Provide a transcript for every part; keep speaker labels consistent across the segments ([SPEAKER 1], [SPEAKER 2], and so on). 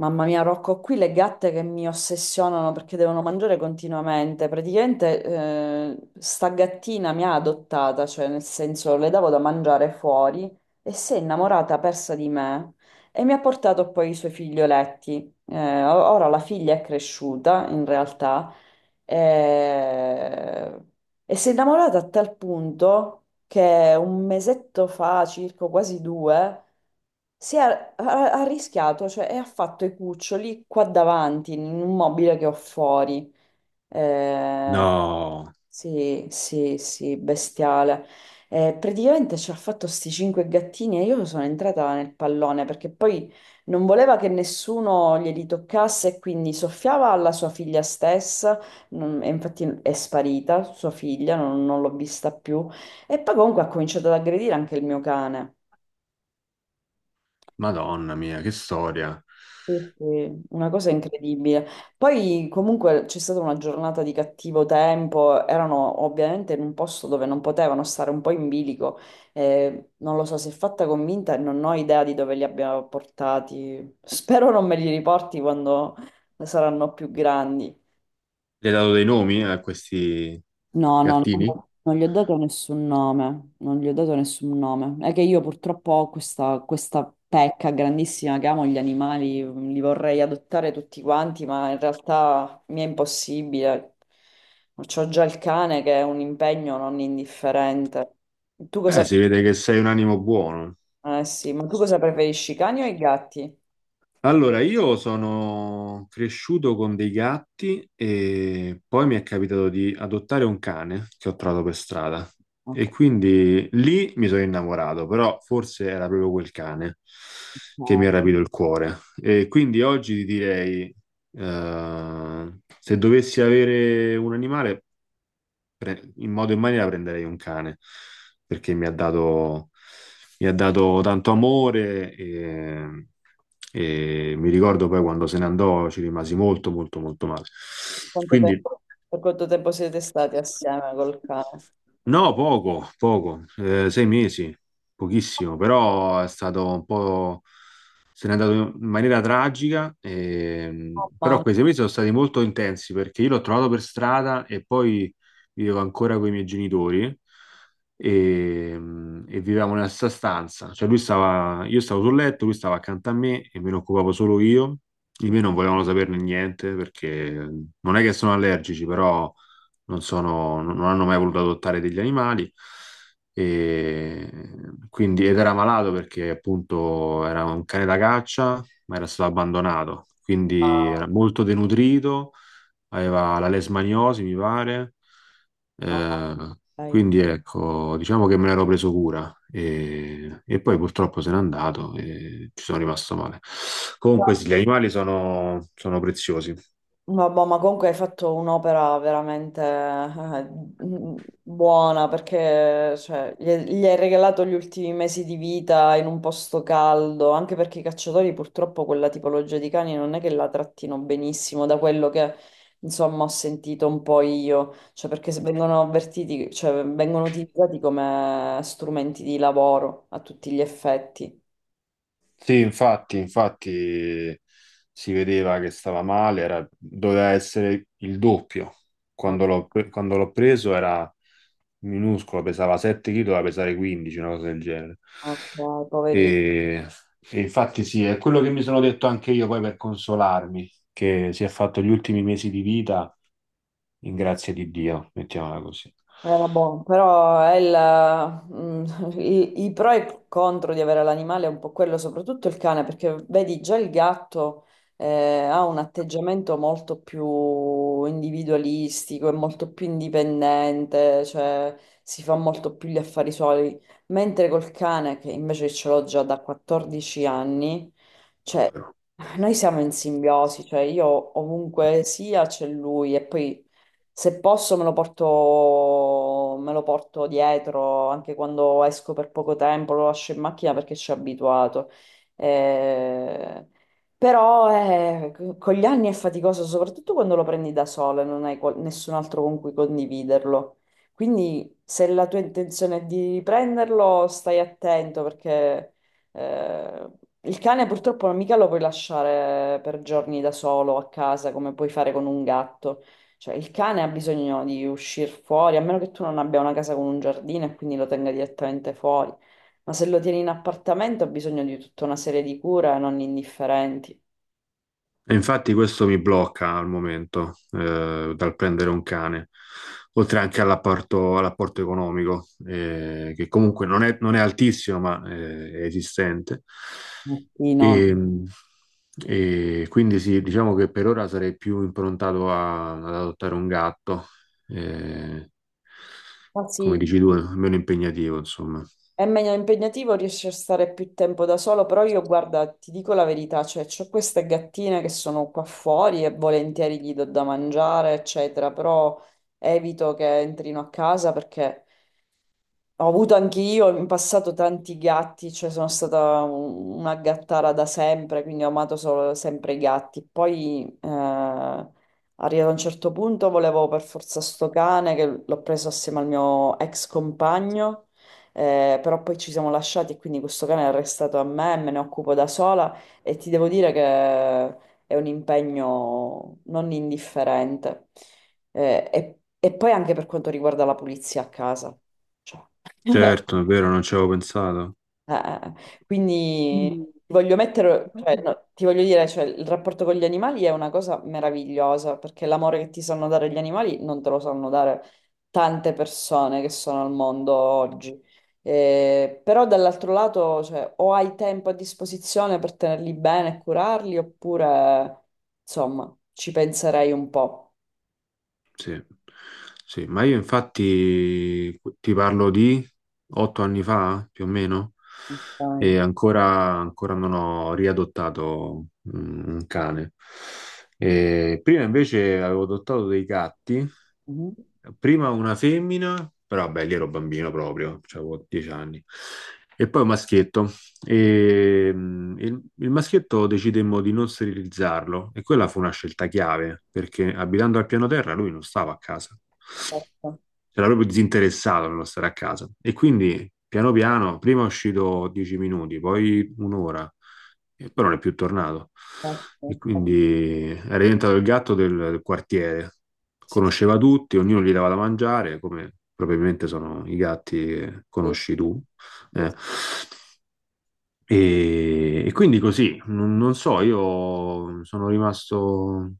[SPEAKER 1] Mamma mia, Rocco, ho qui le gatte che mi ossessionano perché devono mangiare continuamente. Praticamente, sta gattina mi ha adottata, cioè nel senso le davo da mangiare fuori e si è innamorata persa di me e mi ha portato poi i suoi figlioletti. Ora la figlia è cresciuta, in realtà, eh, e si è innamorata a tal punto che un mesetto fa, circa quasi due, ha, ha rischiato, cioè e ha fatto i cuccioli qua davanti, in un mobile che ho fuori. Eh,
[SPEAKER 2] No,
[SPEAKER 1] sì, sì, sì, bestiale. Praticamente ci ha fatto sti 5 gattini e io sono entrata nel pallone perché poi non voleva che nessuno glieli toccasse e quindi soffiava alla sua figlia stessa, e infatti è sparita sua figlia, non l'ho vista più. E poi comunque ha cominciato ad aggredire anche il mio cane.
[SPEAKER 2] Madonna mia, che storia.
[SPEAKER 1] Quindi, una cosa incredibile. Poi comunque c'è stata una giornata di cattivo tempo, erano ovviamente in un posto dove non potevano stare un po' in bilico. Non lo so, si è fatta convinta e non ho idea di dove li abbia portati. Spero non me li riporti quando saranno più grandi.
[SPEAKER 2] Le hai dato dei nomi a questi
[SPEAKER 1] No, no, no,
[SPEAKER 2] gattini?
[SPEAKER 1] no, non gli ho dato nessun nome, non gli ho dato nessun nome. È che io purtroppo ho questa, questa pecca grandissima che amo gli animali, li vorrei adottare tutti quanti, ma in realtà mi è impossibile. C'ho già il cane che è un impegno non indifferente. Tu cosa,
[SPEAKER 2] Si vede che sei un animo buono.
[SPEAKER 1] eh sì, ma tu cosa preferisci, i cani o i gatti?
[SPEAKER 2] Allora, io sono cresciuto con dei gatti e poi mi è capitato di adottare un cane che ho trovato per strada
[SPEAKER 1] Ok.
[SPEAKER 2] e quindi lì mi sono innamorato, però forse era proprio quel cane che mi
[SPEAKER 1] No.
[SPEAKER 2] ha rapito il cuore. E quindi oggi ti direi, se dovessi avere un animale, in modo e in maniera prenderei un cane, perché mi ha dato tanto amore e mi ricordo poi quando se ne andò ci rimasi molto, molto, molto male.
[SPEAKER 1] Per quanto
[SPEAKER 2] Quindi.
[SPEAKER 1] tempo, per quanto tempo siete stati assieme col cane?
[SPEAKER 2] No, poco, poco, 6 mesi, pochissimo, però è stato un po'. Se n'è andato in maniera tragica,
[SPEAKER 1] Oh,
[SPEAKER 2] però
[SPEAKER 1] mamma.
[SPEAKER 2] quei 6 mesi sono stati molto intensi perché io l'ho trovato per strada e poi vivevo ancora con i miei genitori e, e vivevamo nella stessa stanza, cioè lui stava, io stavo sul letto, lui stava accanto a me e me ne occupavo solo io, di me non volevano saperne niente perché non è che sono allergici, però non hanno mai voluto adottare degli animali. E quindi, ed era malato perché appunto era un cane da caccia, ma era stato abbandonato, quindi era molto denutrito, aveva la lesmaniosi, mi pare.
[SPEAKER 1] Ah,
[SPEAKER 2] Eh,
[SPEAKER 1] ok.
[SPEAKER 2] quindi ecco, diciamo che me l'ero preso cura e poi purtroppo se n'è andato e ci sono rimasto male. Comunque sì, gli animali sono preziosi.
[SPEAKER 1] Vabbè, ma comunque hai fatto un'opera veramente mm, buona perché cioè, gli hai regalato gli ultimi mesi di vita in un posto caldo, anche perché i cacciatori purtroppo quella tipologia di cani non è che la trattino benissimo, da quello che insomma ho sentito un po' io, cioè perché se vengono avvertiti, cioè vengono utilizzati come strumenti di lavoro a tutti gli effetti.
[SPEAKER 2] Sì, infatti, infatti si vedeva che stava male, doveva essere il doppio.
[SPEAKER 1] Ah,
[SPEAKER 2] Quando l'ho preso era minuscolo, pesava 7 kg, doveva pesare 15, una cosa del genere.
[SPEAKER 1] ok, poverino.
[SPEAKER 2] E, e infatti sì, è quello che mi sono detto anche io poi per consolarmi, che si è fatto gli ultimi mesi di vita in grazia di Dio, mettiamola così.
[SPEAKER 1] Era buono, però i pro e i contro di avere l'animale è un po' quello, soprattutto il cane, perché vedi già il gatto eh, ha un atteggiamento molto più individualistico, è molto più indipendente, cioè si fa molto più gli affari suoi, mentre col cane, che invece ce l'ho già da 14 anni, cioè noi siamo in simbiosi, cioè io ovunque sia c'è lui e poi... Se posso me lo porto dietro anche quando esco per poco tempo, lo lascio in macchina perché ci ho abituato. Eh, Però con gli anni è faticoso, soprattutto quando lo prendi da sola e non hai nessun altro con cui condividerlo. Quindi se la tua intenzione è di prenderlo, stai attento perché eh, il cane purtroppo non mica lo puoi lasciare per giorni da solo a casa come puoi fare con un gatto. Cioè, il cane ha bisogno di uscire fuori, a meno che tu non abbia una casa con un giardino e quindi lo tenga direttamente fuori. Ma se lo tieni in appartamento ha bisogno di tutta una serie di cure non indifferenti.
[SPEAKER 2] E infatti questo mi blocca al momento dal prendere un cane, oltre anche all'apporto economico, che comunque non è altissimo, ma è esistente.
[SPEAKER 1] Sì, no, no.
[SPEAKER 2] E, e quindi sì, diciamo che per ora sarei più improntato ad adottare un gatto, eh,
[SPEAKER 1] Ah,
[SPEAKER 2] come
[SPEAKER 1] sì,
[SPEAKER 2] dici tu, meno impegnativo, insomma.
[SPEAKER 1] è meglio impegnativo, riesci a stare più tempo da solo, però io guarda, ti dico la verità, cioè c'ho queste gattine che sono qua fuori e volentieri gli do da mangiare, eccetera, però evito che entrino a casa perché ho avuto anche io in passato tanti gatti, cioè sono stata una gattara da sempre, quindi ho amato solo sempre i gatti. Poi arrivato a un certo punto volevo per forza sto cane che l'ho preso assieme al mio ex compagno, però poi ci siamo lasciati e quindi questo cane è restato a me, me ne occupo da sola e ti devo dire che è un impegno non indifferente. Eh, e e poi anche per quanto riguarda la pulizia a casa. Cioè, eh,
[SPEAKER 2] Certo, è vero, non ci avevo pensato.
[SPEAKER 1] eh, eh. quindi ti voglio mettere, cioè, no, ti voglio dire, cioè, il rapporto con gli animali è una cosa meravigliosa, perché l'amore che ti sanno dare gli animali non te lo sanno dare tante persone che sono al mondo oggi. Però dall'altro lato, cioè, o hai tempo a disposizione per tenerli bene e curarli, oppure, insomma, ci penserei un po'.
[SPEAKER 2] Sì, sì, ma io infatti ti parlo di 8 anni fa, più o meno,
[SPEAKER 1] Ok.
[SPEAKER 2] e ancora non ho riadottato un cane. E prima invece avevo adottato dei gatti,
[SPEAKER 1] Mhm.
[SPEAKER 2] prima una femmina, però vabbè, lì ero bambino proprio, cioè avevo 10 anni, e poi un maschietto. E il maschietto decidemmo di non sterilizzarlo e quella fu una scelta chiave perché abitando al piano terra lui non stava a casa,
[SPEAKER 1] Certo,
[SPEAKER 2] era proprio disinteressato nello stare a casa. E quindi piano piano, prima è uscito 10 minuti, poi un'ora, e poi non è più tornato.
[SPEAKER 1] certo.
[SPEAKER 2] E
[SPEAKER 1] Eh,
[SPEAKER 2] quindi era diventato il gatto del quartiere,
[SPEAKER 1] Sì, sì,
[SPEAKER 2] conosceva tutti, ognuno gli dava da mangiare, come probabilmente sono i gatti che
[SPEAKER 1] sì.
[SPEAKER 2] conosci tu.
[SPEAKER 1] Sì,
[SPEAKER 2] eh.
[SPEAKER 1] sì.
[SPEAKER 2] E quindi così, non so, io sono rimasto,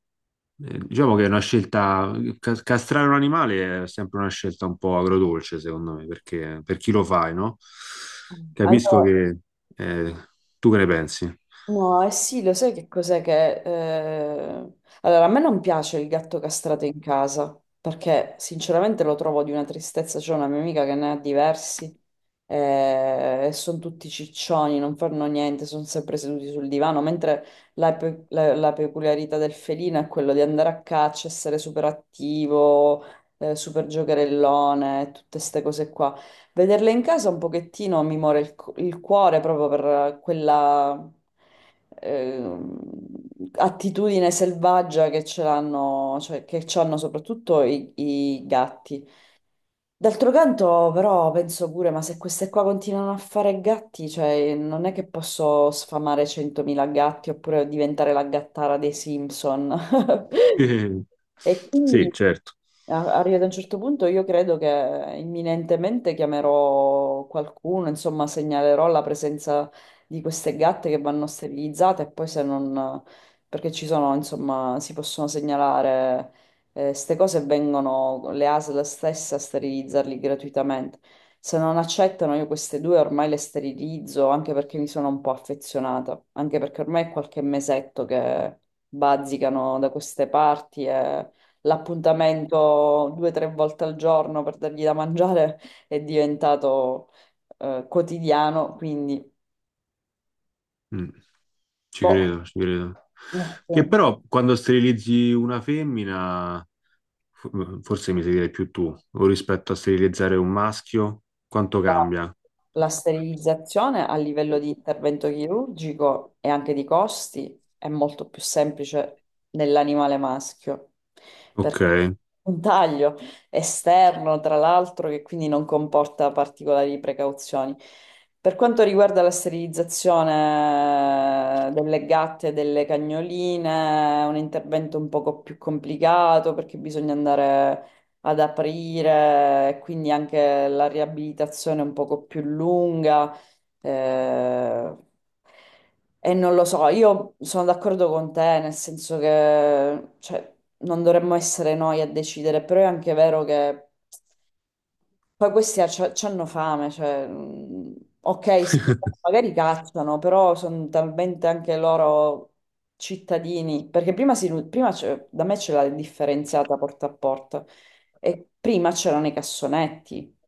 [SPEAKER 2] diciamo che è una scelta, castrare un animale è sempre una scelta un po' agrodolce, secondo me, perché per chi lo fai, no? Capisco
[SPEAKER 1] Allora,
[SPEAKER 2] che eh, tu che ne pensi.
[SPEAKER 1] no, eh sì, lo sai che cos'è che... Allora, a me non piace il gatto castrato in casa, perché sinceramente lo trovo di una tristezza. C'è una mia amica che ne ha diversi e sono tutti ciccioni, non fanno niente, sono sempre seduti sul divano, mentre la peculiarità del felino è quello di andare a caccia, essere super attivo, super giocherellone, tutte queste cose qua. Vederle in casa un pochettino mi muore il cuore proprio per quella ehm, attitudine selvaggia che ce l'hanno, cioè che ci hanno soprattutto i, i gatti. D'altro canto, però, penso pure, ma se queste qua continuano a fare gatti, cioè non è che posso sfamare 100.000 gatti oppure diventare la gattara dei Simpson. E
[SPEAKER 2] Sì,
[SPEAKER 1] quindi
[SPEAKER 2] certo.
[SPEAKER 1] arrivato a un certo punto io credo che imminentemente chiamerò qualcuno, insomma, segnalerò la presenza di queste gatte che vanno sterilizzate e poi se non... perché ci sono, insomma, si possono segnalare queste cose e vengono le ASL stesse a sterilizzarli gratuitamente. Se non accettano, io queste due ormai le sterilizzo anche perché mi sono un po' affezionata, anche perché ormai è qualche mesetto che bazzicano da queste parti e l'appuntamento due o tre volte al giorno per dargli da mangiare è diventato quotidiano, quindi
[SPEAKER 2] Mm. Ci
[SPEAKER 1] boh,
[SPEAKER 2] credo, ci credo. Che
[SPEAKER 1] sì,
[SPEAKER 2] però quando sterilizzi una femmina, forse mi sai dire più tu, o rispetto a sterilizzare un maschio, quanto cambia?
[SPEAKER 1] la sterilizzazione a livello di intervento chirurgico e anche di costi è molto più semplice nell'animale maschio,
[SPEAKER 2] Ok,
[SPEAKER 1] perché un taglio esterno, tra l'altro, che quindi non comporta particolari precauzioni. Per quanto riguarda la sterilizzazione delle gatte e delle cagnoline, è un intervento un poco più complicato perché bisogna andare ad aprire, quindi anche la riabilitazione un poco più lunga. eh, e non lo so, io sono d'accordo con te, nel senso che cioè, non dovremmo essere noi a decidere, però è anche vero che poi questi hanno fame, cioè, mm, ok, sì, magari cacciano, però sono talmente anche loro cittadini, perché prima, prima da me c'era la differenziata porta a porta e prima c'erano i cassonetti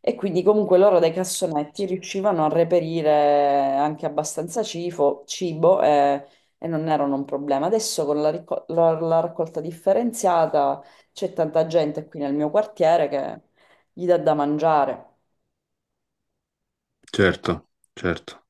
[SPEAKER 1] e quindi comunque loro dai cassonetti riuscivano a reperire anche abbastanza cibo e, non erano un problema. Adesso con la la raccolta differenziata c'è tanta gente qui nel mio quartiere che gli dà da mangiare.
[SPEAKER 2] certo, certo.